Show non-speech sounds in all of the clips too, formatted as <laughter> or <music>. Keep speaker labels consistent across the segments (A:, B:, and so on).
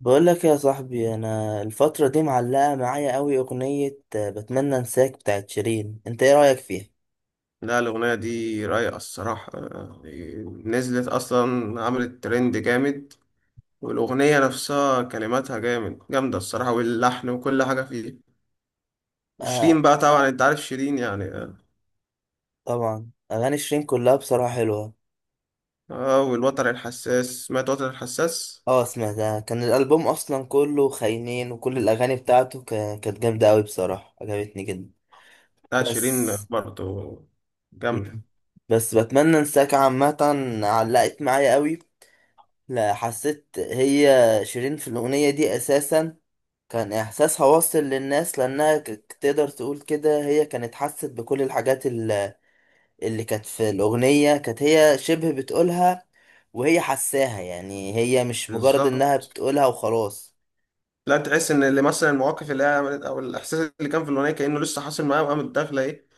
A: بقول لك يا صاحبي، انا الفترة دي معلقة معايا قوي اغنية بتمنى انساك بتاعت شيرين. انت ايه رأيك فيها؟
B: لا، الأغنية دي رايقة الصراحة آه، نزلت أصلا عملت ترند جامد. والأغنية نفسها كلماتها جامدة الصراحة، واللحن وكل حاجة فيه. شيرين
A: آه،
B: بقى طبعا أنت عارف شيرين يعني آه.
A: طبعا اغاني شيرين كلها بصراحة حلوة.
B: آه، والوتر الحساس، سمعت وتر الحساس.
A: اه، سمعتها، كان الالبوم اصلا كله خاينين وكل الاغاني بتاعته كانت جامدة قوي بصراحة، عجبتني جدا.
B: لا
A: بس.
B: شيرين برضه جامدة.
A: مم. بس بتمنى انساك عامة. علقت معايا قوي. لا، حسيت هي شيرين في الاغنية دي اساسا كان إحساسها واصل للناس، لأنها تقدر تقول كده، هي كانت حست بكل الحاجات اللي كانت في الأغنية، كانت هي شبه بتقولها. وهي حساها، يعني هي مش مجرد إنها
B: بالظبط.
A: بتقولها وخلاص.
B: لا، تحس إن اللي مثلا المواقف اللي هي عملت أو الإحساس اللي كان في الأغنية كأنه لسه حاصل معاه، وقامت داخلة إيه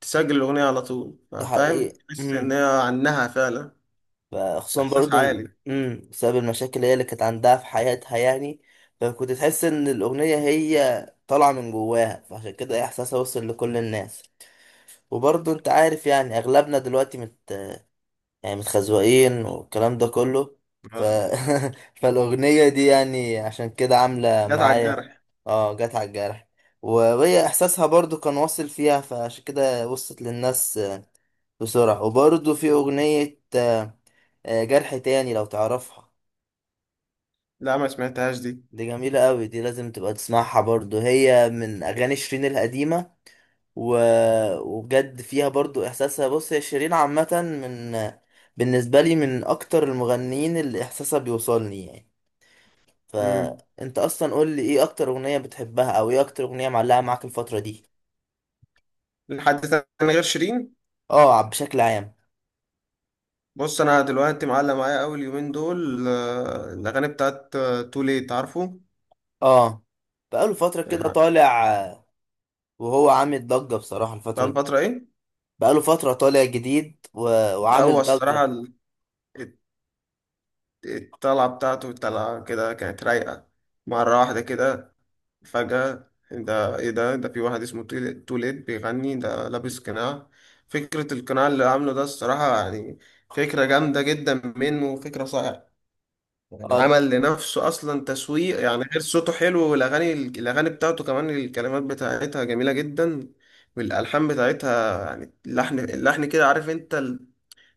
B: تسجل الأغنية على طول،
A: ده
B: فاهم؟
A: حقيقي.
B: تحس إن هي عنها فعلا.
A: فخصوصا
B: إحساس
A: برضه
B: عالي.
A: بسبب المشاكل هي اللي كانت عندها في حياتها يعني. فكنت تحس إن الأغنية هي طالعة من جواها، فعشان كده إحساسها وصل لكل الناس. وبرضه أنت عارف، يعني أغلبنا دلوقتي يعني متخزوقين والكلام ده كله. ف...
B: آه.
A: <laughs> فالأغنية دي يعني عشان كده عاملة
B: جت على
A: معايا.
B: الجرح.
A: اه، جت على الجرح. وهي إحساسها برضو كان واصل فيها، فعشان كده وصلت للناس بسرعة. وبرضو في أغنية جرح تاني، لو تعرفها.
B: لا ما سمعتهاش دي.
A: دي جميلة قوي، دي لازم تبقى تسمعها برضو، هي من أغاني شيرين القديمة. و... وبجد فيها برضو احساسها. بص هي شيرين عامة، بالنسبة لي من اكتر المغنيين اللي احساسها بيوصلني يعني.
B: امم
A: فانت اصلا قول لي: ايه اكتر اغنية بتحبها، او ايه اكتر اغنية معلقة معاك الفترة دي؟
B: لحد تاني غير شيرين؟
A: اه، بشكل عام.
B: بص انا دلوقتي معلق معايا اول يومين دول آه، الاغاني بتاعت تو ليت، عارفه؟
A: اه، بقاله فترة كده
B: يعني
A: طالع وهو عامل ضجة بصراحة
B: بقى
A: الفترة دي.
B: الفتره ايه.
A: بقاله فترة طالع جديد
B: لا هو
A: وعامل ضجة.
B: الصراحه الت- الطلعه بتاعته، الطلعه كده كانت رايقه مره واحده كده فجاه. ده ايه ده؟ في واحد اسمه تو ليت بيغني، ده لابس قناع. فكره القناع اللي عامله ده الصراحه يعني فكره جامده جدا منه وفكره صح. يعني
A: اه،
B: عمل لنفسه اصلا تسويق. يعني غير صوته حلو، والاغاني بتاعته كمان الكلمات بتاعتها جميله جدا. والالحان بتاعتها يعني اللحن كده، عارف انت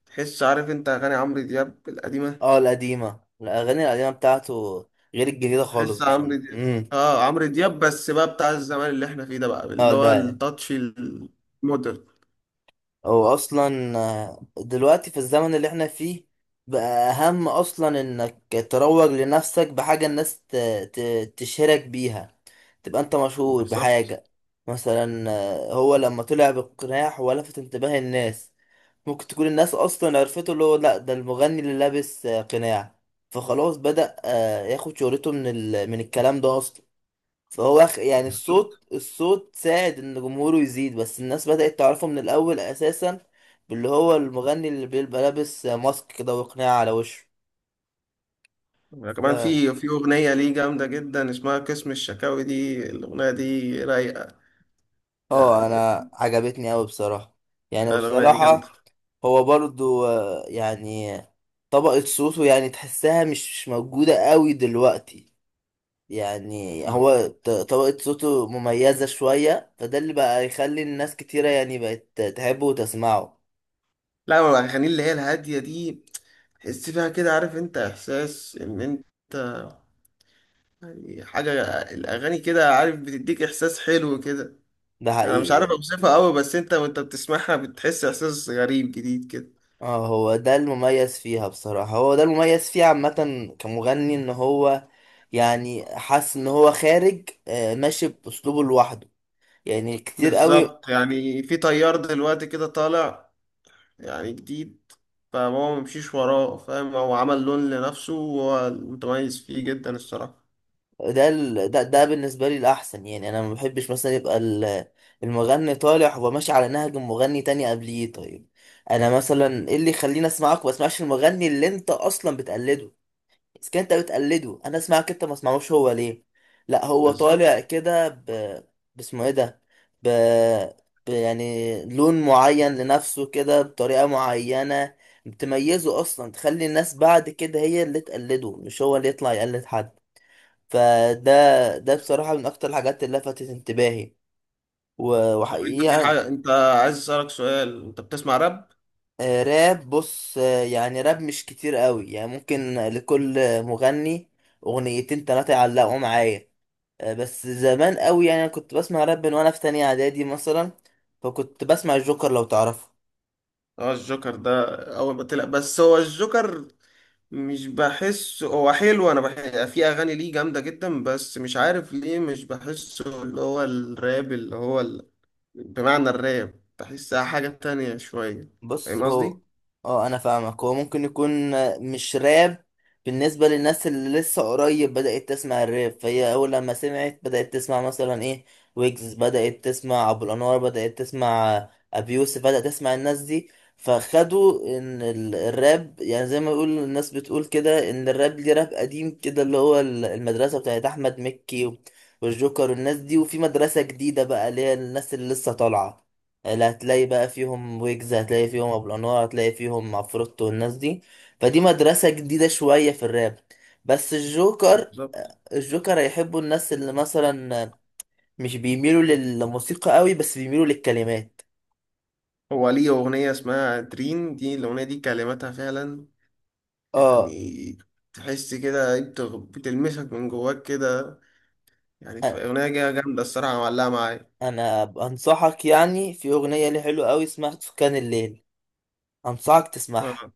B: تحس، عارف انت اغاني عمرو دياب القديمه،
A: اه، الاغاني القديمة بتاعته غير الجديدة خالص
B: تحس
A: بصراحة.
B: عمرو دياب. اه عمرو دياب بس بقى بتاع الزمان اللي احنا فيه ده، بقى
A: اه،
B: اللي هو
A: ده يعني.
B: التاتش المودرن.
A: هو اصلا دلوقتي في الزمن اللي احنا فيه بقى اهم اصلا انك تروج لنفسك بحاجة الناس تشهرك بيها، تبقى انت مشهور
B: بالظبط.
A: بحاجة. مثلا هو لما طلع بالقناع هو لفت انتباه الناس. ممكن تكون الناس اصلا عرفته اللي هو: لا ده المغني اللي لابس قناع. فخلاص بدأ ياخد شهرته من الكلام ده اصلا. فهو يعني الصوت ساعد ان جمهوره يزيد، بس الناس بدأت تعرفه من الاول اساسا باللي هو المغني اللي بيبقى لابس ماسك كده وقناع على وشه. ف
B: كمان في اغنيه ليه جامده جدا اسمها قسم الشكاوي، دي الاغنيه دي رايقه
A: اه،
B: يعني،
A: انا عجبتني قوي بصراحة، يعني،
B: الاغنيه دي جامده.
A: وبصراحة، هو برضو يعني طبقة صوته يعني تحسها مش موجودة قوي دلوقتي. يعني هو طبقة صوته مميزة شوية، فده اللي بقى يخلي الناس كتيرة يعني بقت تحبه وتسمعه.
B: لا هو الأغاني اللي هي الهادية دي تحس فيها كده، عارف انت، إحساس إن انت يعني حاجة. الأغاني كده، عارف، بتديك إحساس حلو كده.
A: ده
B: أنا مش
A: حقيقي
B: عارف
A: يعني.
B: أوصفها أوي بس انت وانت بتسمعها بتحس إحساس غريب جديد كده.
A: اه، هو ده المميز فيها بصراحة، هو ده المميز فيه عامة كمغني، ان هو يعني حاسس ان هو خارج، ماشي باسلوبه لوحده، يعني كتير قوي.
B: بالظبط، يعني في تيار دلوقتي كده طالع يعني جديد، فهو ممشيش وراه، فاهم؟ هو عمل لون لنفسه وهو متميز فيه جدا الصراحة.
A: ده بالنسبة لي الاحسن يعني. انا ما بحبش مثلا يبقى المغني طالع هو ماشي على نهج مغني تاني قبليه. طيب، انا مثلا ايه اللي يخليني اسمعك وما اسمعش المغني اللي انت اصلا بتقلده؟ بس كده انت بتقلده، انا اسمعك انت ما اسمعوش هو ليه؟ لا، هو
B: بالظبط.
A: طالع كده باسمه ايه ده ب... يعني لون معين لنفسه كده بطريقة معينة، بتميزه اصلا، تخلي الناس بعد كده هي اللي تقلده مش هو اللي يطلع يقلد حد. فده بصراحة من اكتر الحاجات اللي لفتت انتباهي،
B: طب انت
A: وحقيقة
B: في
A: يعني،
B: حاجة، انت عايز أسألك سؤال، انت بتسمع راب؟
A: راب؟ بص يعني راب مش كتير قوي يعني، ممكن لكل مغني اغنيتين تلاتة يعلقوا معايا. بس زمان قوي يعني، انا كنت بسمع راب من وانا في تانية اعدادي مثلا. فكنت بسمع الجوكر، لو تعرفه.
B: اه الجوكر ده اول ما طلع. بس هو الجوكر مش بحس هو حلو. انا بحس في اغاني ليه جامده جدا، بس مش عارف ليه مش بحسه، اللي هو الراب اللي هو ال... بمعنى الراب بحسها حاجه تانية شويه،
A: بص
B: فاهم قصدي؟
A: اه، انا فاهمك. هو ممكن يكون مش راب بالنسبة للناس اللي لسه قريب بدأت تسمع الراب، فهي اول لما سمعت بدأت تسمع مثلا ايه، ويجز، بدأت تسمع ابو الانوار، بدأت تسمع ابي يوسف، بدأت تسمع الناس دي. فخدوا ان الراب يعني زي ما يقول الناس، بتقول كده ان الراب ليه راب قديم كده اللي هو المدرسة بتاعت احمد مكي والجوكر والناس دي، وفي مدرسة جديدة بقى اللي هي الناس اللي لسه طالعة، اللي هتلاقي بقى فيهم ويجز، هتلاقي فيهم ابو الانوار، هتلاقي فيهم عفروتو والناس دي. فدي مدرسة جديدة شوية في الراب. بس الجوكر
B: بالظبط.
A: الجوكر هيحبوا الناس اللي مثلا مش بيميلوا للموسيقى قوي، بس بيميلوا للكلمات.
B: هو ليه اغنيه اسمها دريم، دي الاغنيه دي كلماتها فعلا
A: اه،
B: يعني، تحس كده بتلمسك من جواك كده. يعني
A: أ-
B: في اغنيه جامده الصراحه معلقه معايا.
A: انا انصحك يعني، في اغنية ليه حلوة قوي اسمها سكان الليل، انصحك تسمعها.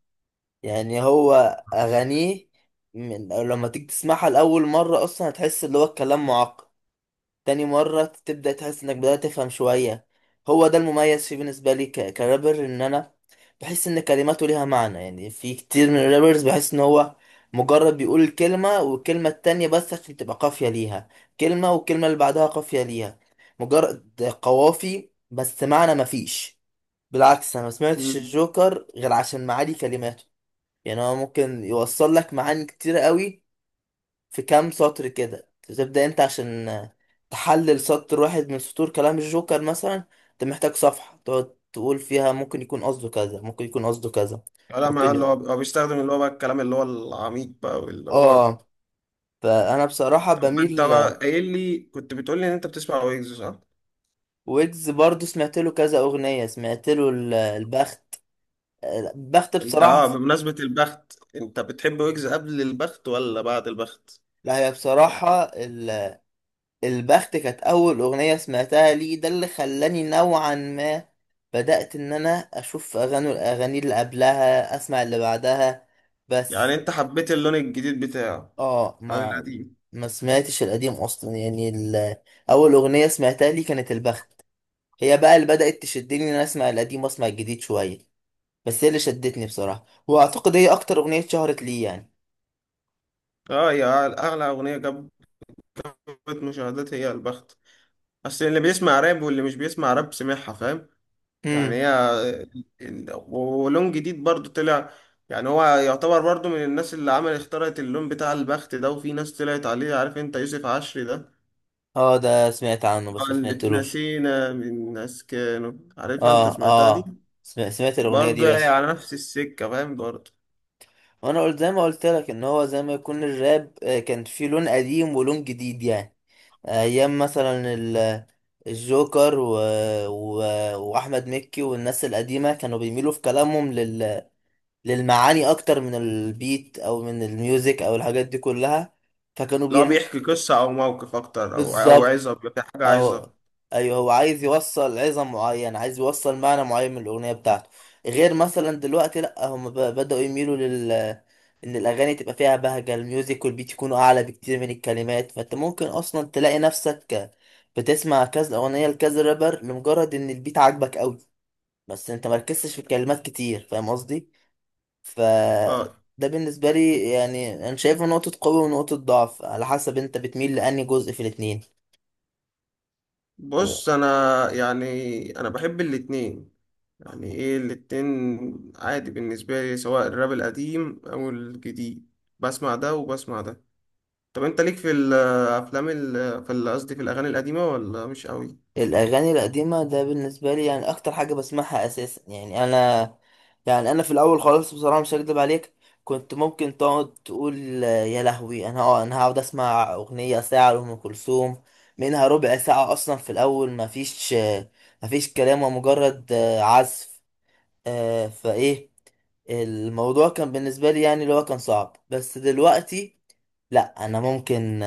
A: يعني هو اغانيه من لما تيجي تسمعها لاول مرة اصلا هتحس اللي هو الكلام معقد، تاني مرة تبدأ تحس انك بدأت تفهم شوية. هو ده المميز فيه بالنسبة لي كرابر، ان انا بحس ان كلماته ليها معنى. يعني في كتير من الرابرز بحس ان هو مجرد بيقول الكلمة والكلمة التانية بس عشان تبقى قافية ليها، كلمة والكلمة اللي بعدها قافية ليها، مجرد قوافي بس، معنى مفيش. بالعكس، انا ما سمعتش
B: اه.
A: الجوكر غير عشان معاني كلماته. يعني هو ممكن يوصل لك معاني كتير قوي في كام سطر كده، تبدأ انت عشان تحلل سطر واحد من سطور كلام الجوكر مثلا، انت محتاج صفحة تقعد تقول فيها ممكن يكون قصده كذا، ممكن يكون قصده كذا،
B: لا ما
A: ممكن
B: اللي هو
A: ي-
B: هو بيستخدم اللي هو بقى الكلام اللي هو العميق بقى واللي هو.
A: اه، فانا بصراحة
B: طب ما انت
A: بميل.
B: بقى قايل لي، كنت بتقول لي ان انت بتسمع ويجز، صح؟
A: ويجز برضو سمعت له كذا اغنية، سمعت له البخت. البخت
B: انت اه
A: بصراحة.
B: بمناسبة البخت، انت بتحب ويجز قبل البخت ولا بعد البخت؟
A: لا، هي
B: يعني.
A: بصراحة، البخت كانت أول أغنية سمعتها ليه، ده اللي خلاني نوعا ما بدأت إن أنا أشوف الأغاني اللي قبلها، أسمع اللي بعدها.
B: يعني
A: بس.
B: انت حبيت اللون الجديد بتاعه
A: آه،
B: عن
A: ما
B: القديم.
A: ما سمعتش القديم أصلا يعني أول أغنية سمعتها ليه كانت البخت. هي بقى اللي بدأت تشدني إن أنا أسمع القديم وأسمع الجديد شوية. بس هي اللي شدتني بصراحة، وأعتقد هي أكتر أغنية شهرت ليه يعني.
B: اه، اعلى اغنية جابت مشاهدات هي البخت. بس اللي بيسمع راب واللي مش بيسمع راب سمعها، فاهم؟ يعني
A: امم
B: هي ال- ولون جديد برضو طلع. يعني هو يعتبر برضو من الناس اللي عمل اخترعت اللون بتاع البخت ده، وفي ناس طلعت عليه، عارف انت يوسف عشري ده
A: آه، ده سمعت عنه بس ما
B: اللي
A: سمعتلوش.
B: اتنسينا من ناس كانوا عارفها انت،
A: آه،
B: سمعتها دي؟
A: آه، سمعت الأغنية
B: برضو
A: دي
B: يعني
A: بس.
B: على نفس السكة، فاهم برضو؟
A: وانا قلت زي ما قلت لك ان هو زي ما يكون الراب كان فيه لون قديم ولون جديد يعني. ايام مثلا الجوكر و... واحمد مكي والناس القديمه كانوا بيميلوا في كلامهم للمعاني اكتر من البيت او من الميوزك او الحاجات دي كلها. فكانوا
B: لو
A: بيرم...
B: بيحكي قصة او موقف اكتر او
A: بالظبط
B: عظة، بيبقى في حاجة
A: أو
B: عظة.
A: أيوه، هو عايز يوصل عظم معين، عايز يوصل معنى معين من الأغنية بتاعته. غير مثلا دلوقتي، لأ هم بدأوا يميلوا إن الأغاني تبقى فيها بهجة الميوزك والبيت يكونوا أعلى بكتير من الكلمات، فأنت ممكن أصلا تلاقي نفسك بتسمع كذا أغنية لكذا رابر لمجرد إن البيت عاجبك أوي، بس أنت مركزتش في الكلمات كتير. فاهم قصدي؟ ف
B: اه.
A: ده بالنسبة لي يعني، أنا شايفه نقطة قوة ونقطة ضعف على حسب أنت بتميل لأنهي جزء في الاتنين.
B: بص انا يعني انا بحب الاتنين. يعني ايه الاتنين عادي بالنسبة لي، سواء الراب القديم او الجديد بسمع ده وبسمع ده. طب انت ليك في الافلام ال- في ال- قصدي في الاغاني القديمة ولا مش قوي؟
A: الاغاني القديمه ده بالنسبه لي يعني اكتر حاجه بسمعها اساسا، يعني انا، يعني انا في الاول خالص بصراحه، مش هكدب عليك، كنت ممكن تقعد تقول يا لهوي، انا هقعد اسمع اغنيه ساعه لام كلثوم، منها ربع ساعه اصلا في الاول ما فيش ما فيش كلام، ومجرد عزف. فايه الموضوع كان بالنسبه لي يعني اللي هو كان صعب، بس دلوقتي لا، انا ممكن،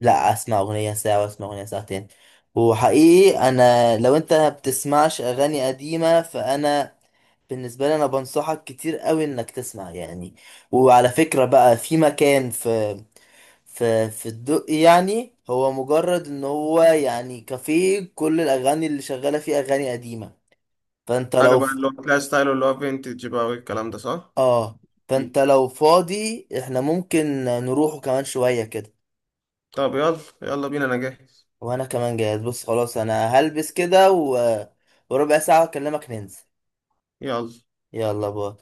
A: لا، اسمع اغنيه ساعه واسمع اغنيه ساعتين. وحقيقي، انا لو انت ما بتسمعش اغاني قديمه فانا بالنسبه لي انا بنصحك كتير قوي انك تسمع يعني. وعلى فكره بقى، في مكان في الدق، يعني هو مجرد ان هو يعني كافيه، كل الاغاني اللي شغاله فيه اغاني قديمه. فانت
B: حاجة
A: لو
B: بقى
A: ف...
B: اللي هو تلاقي ستايل اللي هو فينتج بقى والكلام ده، صح؟
A: اه
B: دي.
A: فانت لو فاضي احنا ممكن نروحه كمان شويه كده.
B: طب يلا يلا بينا انا جاهز.
A: وانا كمان جاهز. بص خلاص، انا هلبس كده وربع ساعة اكلمك، ننزل.
B: يلا.
A: يلا، باي.